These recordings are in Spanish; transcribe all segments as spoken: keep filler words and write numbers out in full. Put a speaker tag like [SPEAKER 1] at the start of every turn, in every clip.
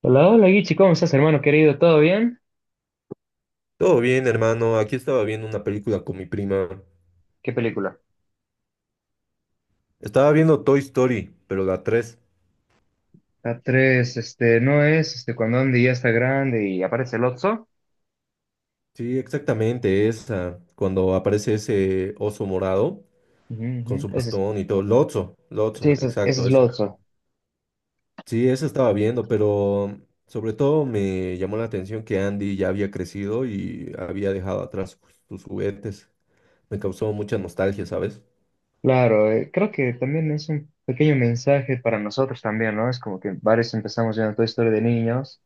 [SPEAKER 1] Hola, hola Guichi, ¿cómo estás, hermano querido? ¿Todo bien?
[SPEAKER 2] Todo bien, hermano. Aquí estaba viendo una película con mi prima.
[SPEAKER 1] ¿Qué película?
[SPEAKER 2] Estaba viendo Toy Story, pero la tres.
[SPEAKER 1] La tres, este, no es, este, cuando Andy ya está grande y aparece Lotso.
[SPEAKER 2] Sí, exactamente esa. Cuando aparece ese oso morado
[SPEAKER 1] Ujú, ujú.
[SPEAKER 2] con su
[SPEAKER 1] Ese es,
[SPEAKER 2] bastón y todo. Lotso,
[SPEAKER 1] sí,
[SPEAKER 2] Lotso,
[SPEAKER 1] ese es, ese
[SPEAKER 2] exacto.
[SPEAKER 1] es
[SPEAKER 2] ese era.
[SPEAKER 1] Lotso.
[SPEAKER 2] Sí, esa estaba viendo, pero sobre todo me llamó la atención que Andy ya había crecido y había dejado atrás sus juguetes. Me causó mucha nostalgia, ¿sabes?
[SPEAKER 1] Claro, eh, creo que también es un pequeño mensaje para nosotros también, ¿no? Es como que varios empezamos viendo toda Toy Story de niños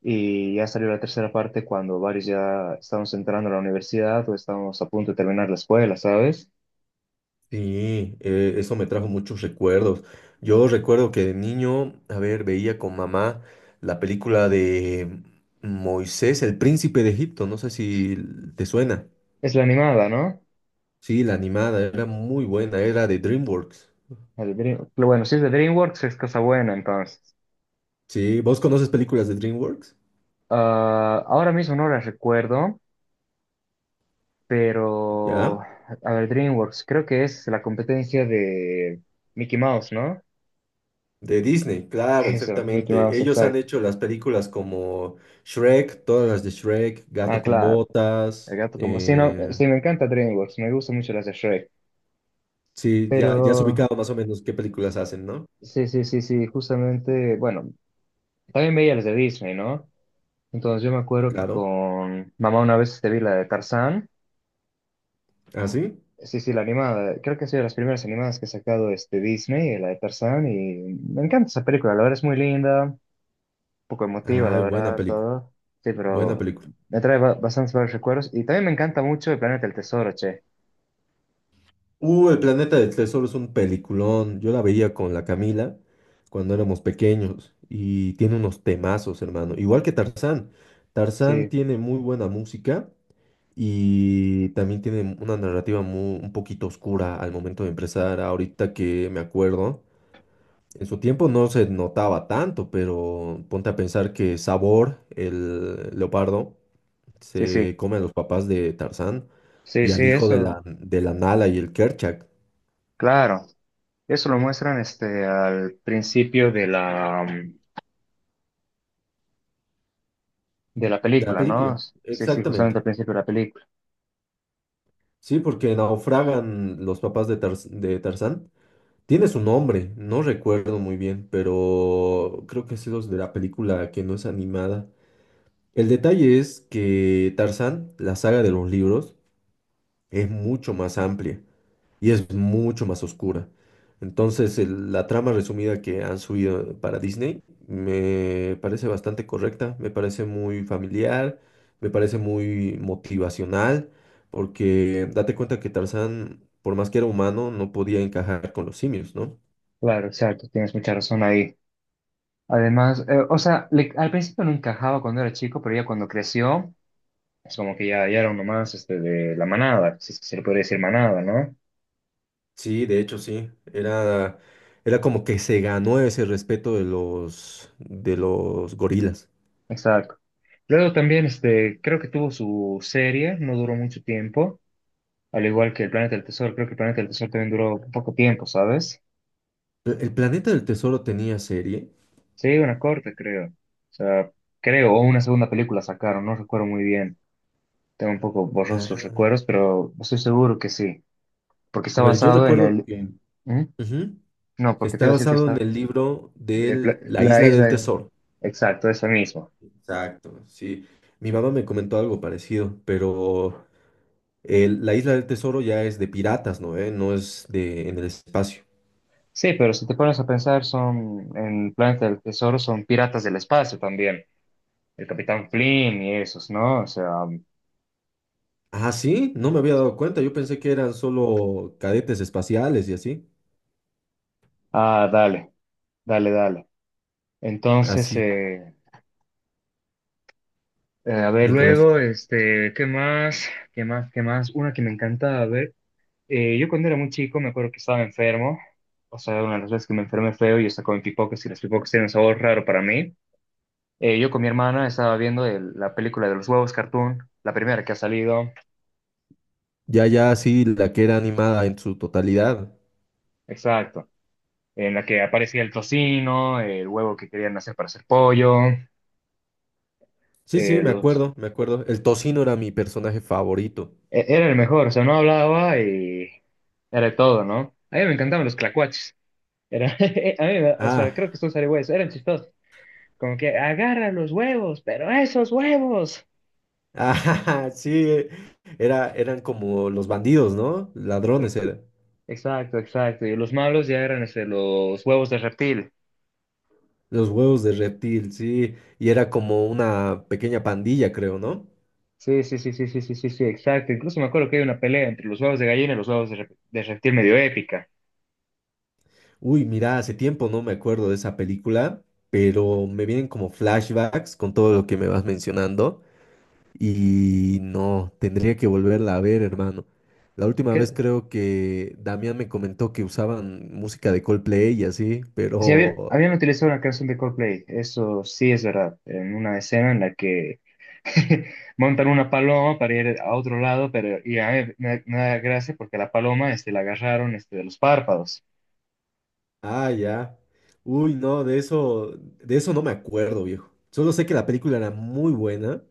[SPEAKER 1] y ya salió la tercera parte cuando varios ya estamos entrando a la universidad o estamos a punto de terminar la escuela, ¿sabes?
[SPEAKER 2] Sí, eh, eso me trajo muchos recuerdos. Yo recuerdo que de niño, a ver, veía con mamá la película de Moisés, el príncipe de Egipto, no sé si te suena.
[SPEAKER 1] Es la animada, ¿no?
[SPEAKER 2] Sí, la animada era muy buena, era de DreamWorks.
[SPEAKER 1] El Dream- Bueno, si es de DreamWorks es cosa buena, entonces.
[SPEAKER 2] Sí, ¿vos conoces películas de DreamWorks?
[SPEAKER 1] Ah, ahora mismo no las recuerdo, pero
[SPEAKER 2] ¿Ya?
[SPEAKER 1] a ver, DreamWorks, creo que es la competencia de Mickey Mouse, ¿no?
[SPEAKER 2] De Disney, claro,
[SPEAKER 1] Eso, Mickey
[SPEAKER 2] exactamente.
[SPEAKER 1] Mouse,
[SPEAKER 2] Ellos han
[SPEAKER 1] exacto.
[SPEAKER 2] hecho las películas como Shrek, todas las de Shrek,
[SPEAKER 1] Ah,
[SPEAKER 2] Gato con
[SPEAKER 1] claro, el
[SPEAKER 2] Botas.
[SPEAKER 1] gato como sí, no,
[SPEAKER 2] eh,
[SPEAKER 1] sí, me encanta DreamWorks, me gustan mucho las de Shrek.
[SPEAKER 2] sí, ya, ya has
[SPEAKER 1] Pero
[SPEAKER 2] ubicado más o menos qué películas hacen, ¿no?
[SPEAKER 1] sí, sí, sí, sí, justamente, bueno, también veía las de Disney, ¿no? Entonces yo me acuerdo que
[SPEAKER 2] Claro.
[SPEAKER 1] con mamá una vez te vi la de Tarzán.
[SPEAKER 2] ¿Ah, sí?
[SPEAKER 1] Sí, sí, la animada. Creo que ha sido de las primeras animadas que ha sacado este Disney, la de Tarzán, y me encanta esa película. La verdad es muy linda, un poco emotiva, la
[SPEAKER 2] Ay, buena
[SPEAKER 1] verdad,
[SPEAKER 2] película,
[SPEAKER 1] todo. Sí,
[SPEAKER 2] buena
[SPEAKER 1] pero
[SPEAKER 2] película.
[SPEAKER 1] me trae ba- bastantes varios recuerdos. Y también me encanta mucho el Planeta del Tesoro, che.
[SPEAKER 2] Uh, El planeta del tesoro es un peliculón. Yo la veía con la Camila cuando éramos pequeños y tiene unos temazos, hermano. Igual que Tarzán. Tarzán
[SPEAKER 1] Sí,
[SPEAKER 2] tiene muy buena música y también tiene una narrativa mu- un poquito oscura al momento de empezar. Ahorita que me acuerdo, en su tiempo no se notaba tanto, pero ponte a pensar que Sabor, el leopardo,
[SPEAKER 1] sí, sí.
[SPEAKER 2] se come a los papás de Tarzán
[SPEAKER 1] Sí,
[SPEAKER 2] y
[SPEAKER 1] sí,
[SPEAKER 2] al hijo de
[SPEAKER 1] eso.
[SPEAKER 2] la, de la Nala y el Kerchak
[SPEAKER 1] Claro. Eso lo muestran este, al principio de la, mm, de la
[SPEAKER 2] de la
[SPEAKER 1] película, ¿no?
[SPEAKER 2] película.
[SPEAKER 1] Sí, sí, justamente al
[SPEAKER 2] Exactamente.
[SPEAKER 1] principio de la película.
[SPEAKER 2] Sí, porque naufragan los papás de, Tarz- de Tarzán. Tiene su nombre, no recuerdo muy bien, pero creo que es los de la película que no es animada. El detalle es que Tarzán, la saga de los libros, es mucho más amplia. Y es mucho más oscura. Entonces, el- la trama resumida que han subido para Disney me parece bastante correcta, me parece muy familiar, me parece muy motivacional, porque date cuenta que Tarzán, por más que era humano, no podía encajar con los simios, ¿no?
[SPEAKER 1] Claro, exacto. Tienes mucha razón ahí. Además, eh, o sea, le- al principio no encajaba cuando era chico, pero ya cuando creció, es como que ya, ya era uno más este, de la manada, si es que se le puede decir manada, ¿no?
[SPEAKER 2] Sí, de hecho sí, era, era como que se ganó ese respeto de los, de los gorilas.
[SPEAKER 1] Exacto. Luego también, este, creo que tuvo su serie, no duró mucho tiempo, al igual que el Planeta del Tesoro, creo que el Planeta del Tesoro también duró poco tiempo, ¿sabes?
[SPEAKER 2] ¿El el Planeta del Tesoro tenía serie?
[SPEAKER 1] Sí, una corta, creo. O sea, creo, o una segunda película sacaron, no recuerdo muy bien. Tengo un poco borrosos los
[SPEAKER 2] Ah,
[SPEAKER 1] recuerdos, pero estoy seguro que sí, porque
[SPEAKER 2] a
[SPEAKER 1] está
[SPEAKER 2] ver, yo
[SPEAKER 1] basado en
[SPEAKER 2] recuerdo
[SPEAKER 1] el.
[SPEAKER 2] que...
[SPEAKER 1] ¿Mm?
[SPEAKER 2] Ujú.
[SPEAKER 1] No, porque te
[SPEAKER 2] Está
[SPEAKER 1] iba a decir que
[SPEAKER 2] basado en
[SPEAKER 1] está.
[SPEAKER 2] el libro
[SPEAKER 1] de pla-
[SPEAKER 2] de La
[SPEAKER 1] la
[SPEAKER 2] Isla del
[SPEAKER 1] isla, eh.
[SPEAKER 2] Tesoro.
[SPEAKER 1] Exacto, eso mismo.
[SPEAKER 2] Exacto, sí. Mi mamá me comentó algo parecido, pero el- La Isla del Tesoro ya es de piratas, ¿no? ¿Eh? No es de en el espacio.
[SPEAKER 1] Sí, pero si te pones a pensar, son en Planeta del Tesoro, son piratas del espacio también. El Capitán Flynn y esos, ¿no? O sea,
[SPEAKER 2] Ah, sí, no me había dado cuenta. Yo pensé que eran solo cadetes espaciales y así.
[SPEAKER 1] ah, dale, dale, dale. Entonces,
[SPEAKER 2] Así,
[SPEAKER 1] eh, eh, a ver,
[SPEAKER 2] Nicolás.
[SPEAKER 1] luego, este, ¿qué más? ¿Qué más? ¿Qué más? Una que me encantaba ver. eh, yo cuando era muy chico me acuerdo que estaba enfermo. O sea, una de las veces que me enfermé feo y yo estaba con pipoques y los pipocas tienen un sabor raro para mí. Eh, yo con mi hermana estaba viendo el- la película de los huevos cartoon, la primera que ha salido,
[SPEAKER 2] Ya, ya, sí, la que era animada en su totalidad.
[SPEAKER 1] exacto, en la que aparecía el tocino, el huevo que querían hacer para hacer pollo.
[SPEAKER 2] Sí,
[SPEAKER 1] eh,
[SPEAKER 2] sí, me
[SPEAKER 1] los-
[SPEAKER 2] acuerdo, me acuerdo. El tocino era mi personaje favorito.
[SPEAKER 1] e- era el mejor, o sea, no hablaba y era de todo, ¿no? A mí me encantaban los clacuaches, era, a mí me- o sea,
[SPEAKER 2] Ah,
[SPEAKER 1] creo que son zarigüeyas, eran chistosos, como que agarra los huevos, pero esos huevos.
[SPEAKER 2] Ah, sí, era, eran como los bandidos, ¿no? Ladrones
[SPEAKER 1] Ex-
[SPEAKER 2] eran.
[SPEAKER 1] Exacto, exacto, y los malos ya eran este, los huevos de reptil.
[SPEAKER 2] Los huevos de reptil, sí. Y era como una pequeña pandilla, creo, ¿no?
[SPEAKER 1] Sí, sí, sí, sí, sí, sí, sí, sí, exacto. Incluso me acuerdo que hay una pelea entre los huevos de gallina y los huevos de, rep- de reptil medio épica.
[SPEAKER 2] Uy, mira, hace tiempo no me acuerdo de esa película, pero me vienen como flashbacks con todo lo que me vas mencionando. Y no, tendría que volverla a ver, hermano. La última vez
[SPEAKER 1] Que,
[SPEAKER 2] creo que Damián me comentó que usaban música de Coldplay y así,
[SPEAKER 1] sí, habían,
[SPEAKER 2] pero.
[SPEAKER 1] habían utilizado una canción de Coldplay, eso sí es verdad, en una escena en la que montan una paloma para ir a otro lado, pero y a mí me, me da gracia porque la paloma este, la agarraron este, de los párpados
[SPEAKER 2] Ah, ya. Uy, no, de eso, de eso no me acuerdo, viejo. Solo sé que la película era muy buena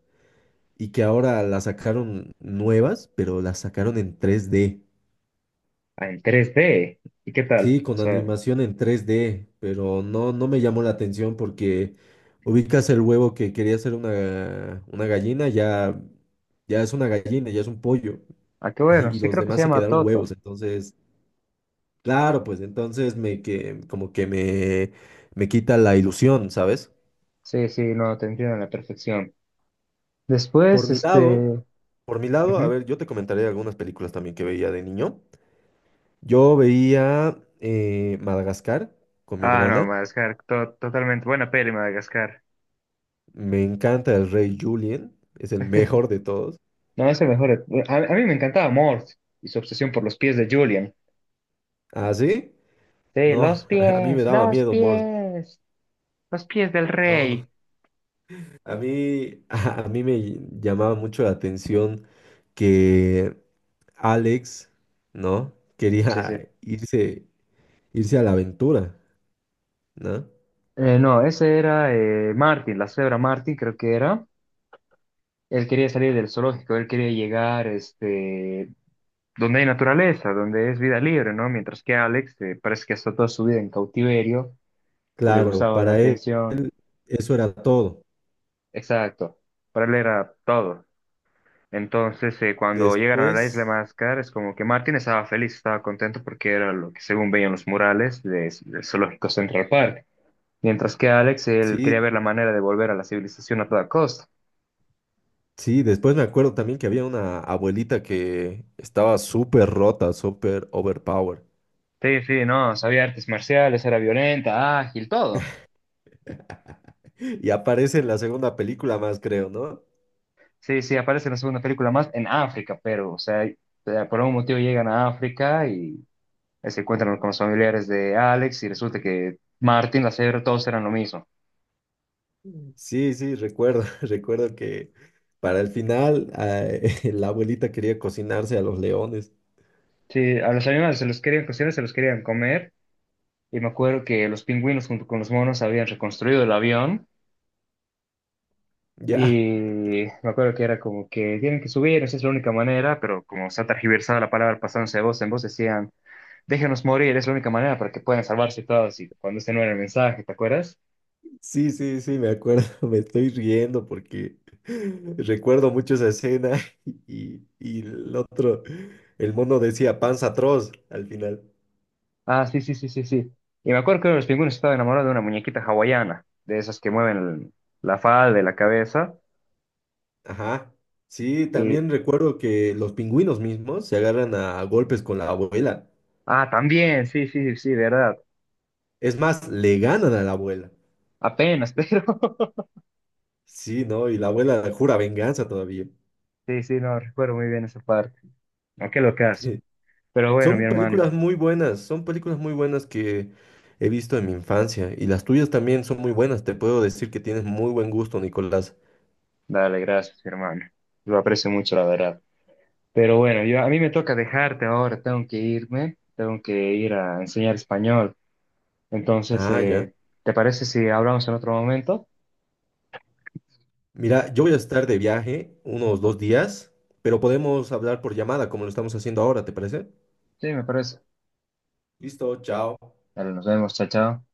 [SPEAKER 2] y que ahora la sacaron nuevas, pero la sacaron en tres d.
[SPEAKER 1] en tres d. ¿Y qué tal? O
[SPEAKER 2] Sí, con
[SPEAKER 1] sea,
[SPEAKER 2] animación en tres d, pero no, no me llamó la atención porque ubicas el huevo que quería ser una, una gallina, ya, ya es una gallina, ya es un pollo,
[SPEAKER 1] ah, qué bueno,
[SPEAKER 2] y
[SPEAKER 1] sí
[SPEAKER 2] los
[SPEAKER 1] creo que se
[SPEAKER 2] demás se
[SPEAKER 1] llama
[SPEAKER 2] quedaron
[SPEAKER 1] Toto.
[SPEAKER 2] huevos. Entonces, claro, pues entonces me que como que me, me, quita la ilusión, ¿sabes?
[SPEAKER 1] Sí, sí, no, te entiendo a la perfección.
[SPEAKER 2] Por
[SPEAKER 1] Después,
[SPEAKER 2] mi lado,
[SPEAKER 1] este...
[SPEAKER 2] por mi lado, a
[SPEAKER 1] Ujú.
[SPEAKER 2] ver, yo te comentaré algunas películas también que veía de niño. Yo veía eh, Madagascar con mi
[SPEAKER 1] Ah, no,
[SPEAKER 2] hermana.
[SPEAKER 1] Madagascar, to- totalmente buena peli, Madagascar.
[SPEAKER 2] Me encanta el rey Julien, es el mejor de todos.
[SPEAKER 1] No, es el mejor. eh, A, a mí me encantaba Mort y su obsesión por los pies de Julian.
[SPEAKER 2] ¿Ah, sí?
[SPEAKER 1] Sí,
[SPEAKER 2] No,
[SPEAKER 1] los
[SPEAKER 2] a mí me
[SPEAKER 1] pies,
[SPEAKER 2] daba
[SPEAKER 1] los
[SPEAKER 2] miedo, Mort.
[SPEAKER 1] pies, los pies del
[SPEAKER 2] No, no.
[SPEAKER 1] rey.
[SPEAKER 2] A mí, a mí me llamaba mucho la atención que Alex, ¿no?
[SPEAKER 1] Sí, sí.
[SPEAKER 2] Quería irse, irse a la aventura, ¿no?
[SPEAKER 1] Eh, no, ese era eh, Martin, la cebra Martin, creo que era. Él quería salir del zoológico, él quería llegar este, donde hay naturaleza, donde es vida libre, ¿no? Mientras que Alex eh, parece que está toda su vida en cautiverio y le
[SPEAKER 2] Claro,
[SPEAKER 1] gustaba la
[SPEAKER 2] para él
[SPEAKER 1] atención.
[SPEAKER 2] él eso era todo.
[SPEAKER 1] Exacto, para él era todo. Entonces, eh, cuando llegaron a la isla de
[SPEAKER 2] Después,
[SPEAKER 1] Madagascar, es como que Martín estaba feliz, estaba contento porque era lo que según veían los murales de- del zoológico Central Park. Mientras que Alex, él quería
[SPEAKER 2] sí,
[SPEAKER 1] ver la manera de volver a la civilización a toda costa.
[SPEAKER 2] sí, después me acuerdo también que había una abuelita que estaba súper rota, súper overpowered.
[SPEAKER 1] Sí, sí, no, sabía artes marciales, era violenta, ágil, todo.
[SPEAKER 2] Y aparece en la segunda película más, creo, ¿no?
[SPEAKER 1] Sí, sí, aparece en la segunda película más en África, pero, o sea, eh, por algún motivo llegan a África y eh, se encuentran con los familiares de Alex y resulta que Martín, la cebra, todos eran lo mismo.
[SPEAKER 2] Sí, sí, recuerdo, recuerdo que para el final eh, la abuelita quería cocinarse a los leones.
[SPEAKER 1] Sí, a los animales se los querían cocinar, se los querían comer. Y me acuerdo que los pingüinos junto con los monos habían reconstruido el avión. Y
[SPEAKER 2] Ya,
[SPEAKER 1] me acuerdo que era como que tienen que subir, esa es la única manera, pero como se ha tergiversado la palabra pasándose de voz en voz, decían, déjenos morir, es la única manera para que puedan salvarse todos. Y cuando ese no era el mensaje, ¿te acuerdas?
[SPEAKER 2] sí, sí, sí, me acuerdo, me estoy riendo porque recuerdo mucho esa escena y, y el otro, el mono decía panza atroz al final.
[SPEAKER 1] Ah, sí, sí, sí, sí, sí. Y me acuerdo que uno de los pingüinos estaba enamorado de una muñequita hawaiana, de esas que mueven el- la falda de la cabeza.
[SPEAKER 2] Ajá. Sí,
[SPEAKER 1] Y,
[SPEAKER 2] también recuerdo que los pingüinos mismos se agarran a golpes con la abuela.
[SPEAKER 1] ah, también, sí, sí, sí, verdad.
[SPEAKER 2] Es más, le ganan a la abuela.
[SPEAKER 1] Apenas, pero.
[SPEAKER 2] Sí, ¿no? Y la abuela jura venganza todavía.
[SPEAKER 1] Sí, sí, no, recuerdo muy bien esa parte. No, qué locazo. Pero bueno, mi
[SPEAKER 2] Son
[SPEAKER 1] hermano.
[SPEAKER 2] películas muy buenas, son películas muy buenas que he visto en mi infancia. Y las tuyas también son muy buenas. Te puedo decir que tienes muy buen gusto, Nicolás.
[SPEAKER 1] Dale, gracias, mi hermano. Lo aprecio mucho, la verdad. Pero bueno, yo, a mí me toca dejarte ahora, tengo que irme, tengo que ir a enseñar español. Entonces,
[SPEAKER 2] Ah, ya.
[SPEAKER 1] eh, ¿te parece si hablamos en otro momento?
[SPEAKER 2] Mira, yo voy a estar de viaje unos dos días, pero podemos hablar por llamada como lo estamos haciendo ahora, ¿te parece?
[SPEAKER 1] Sí, me parece.
[SPEAKER 2] Listo, chao.
[SPEAKER 1] Dale, nos vemos, chao, chao.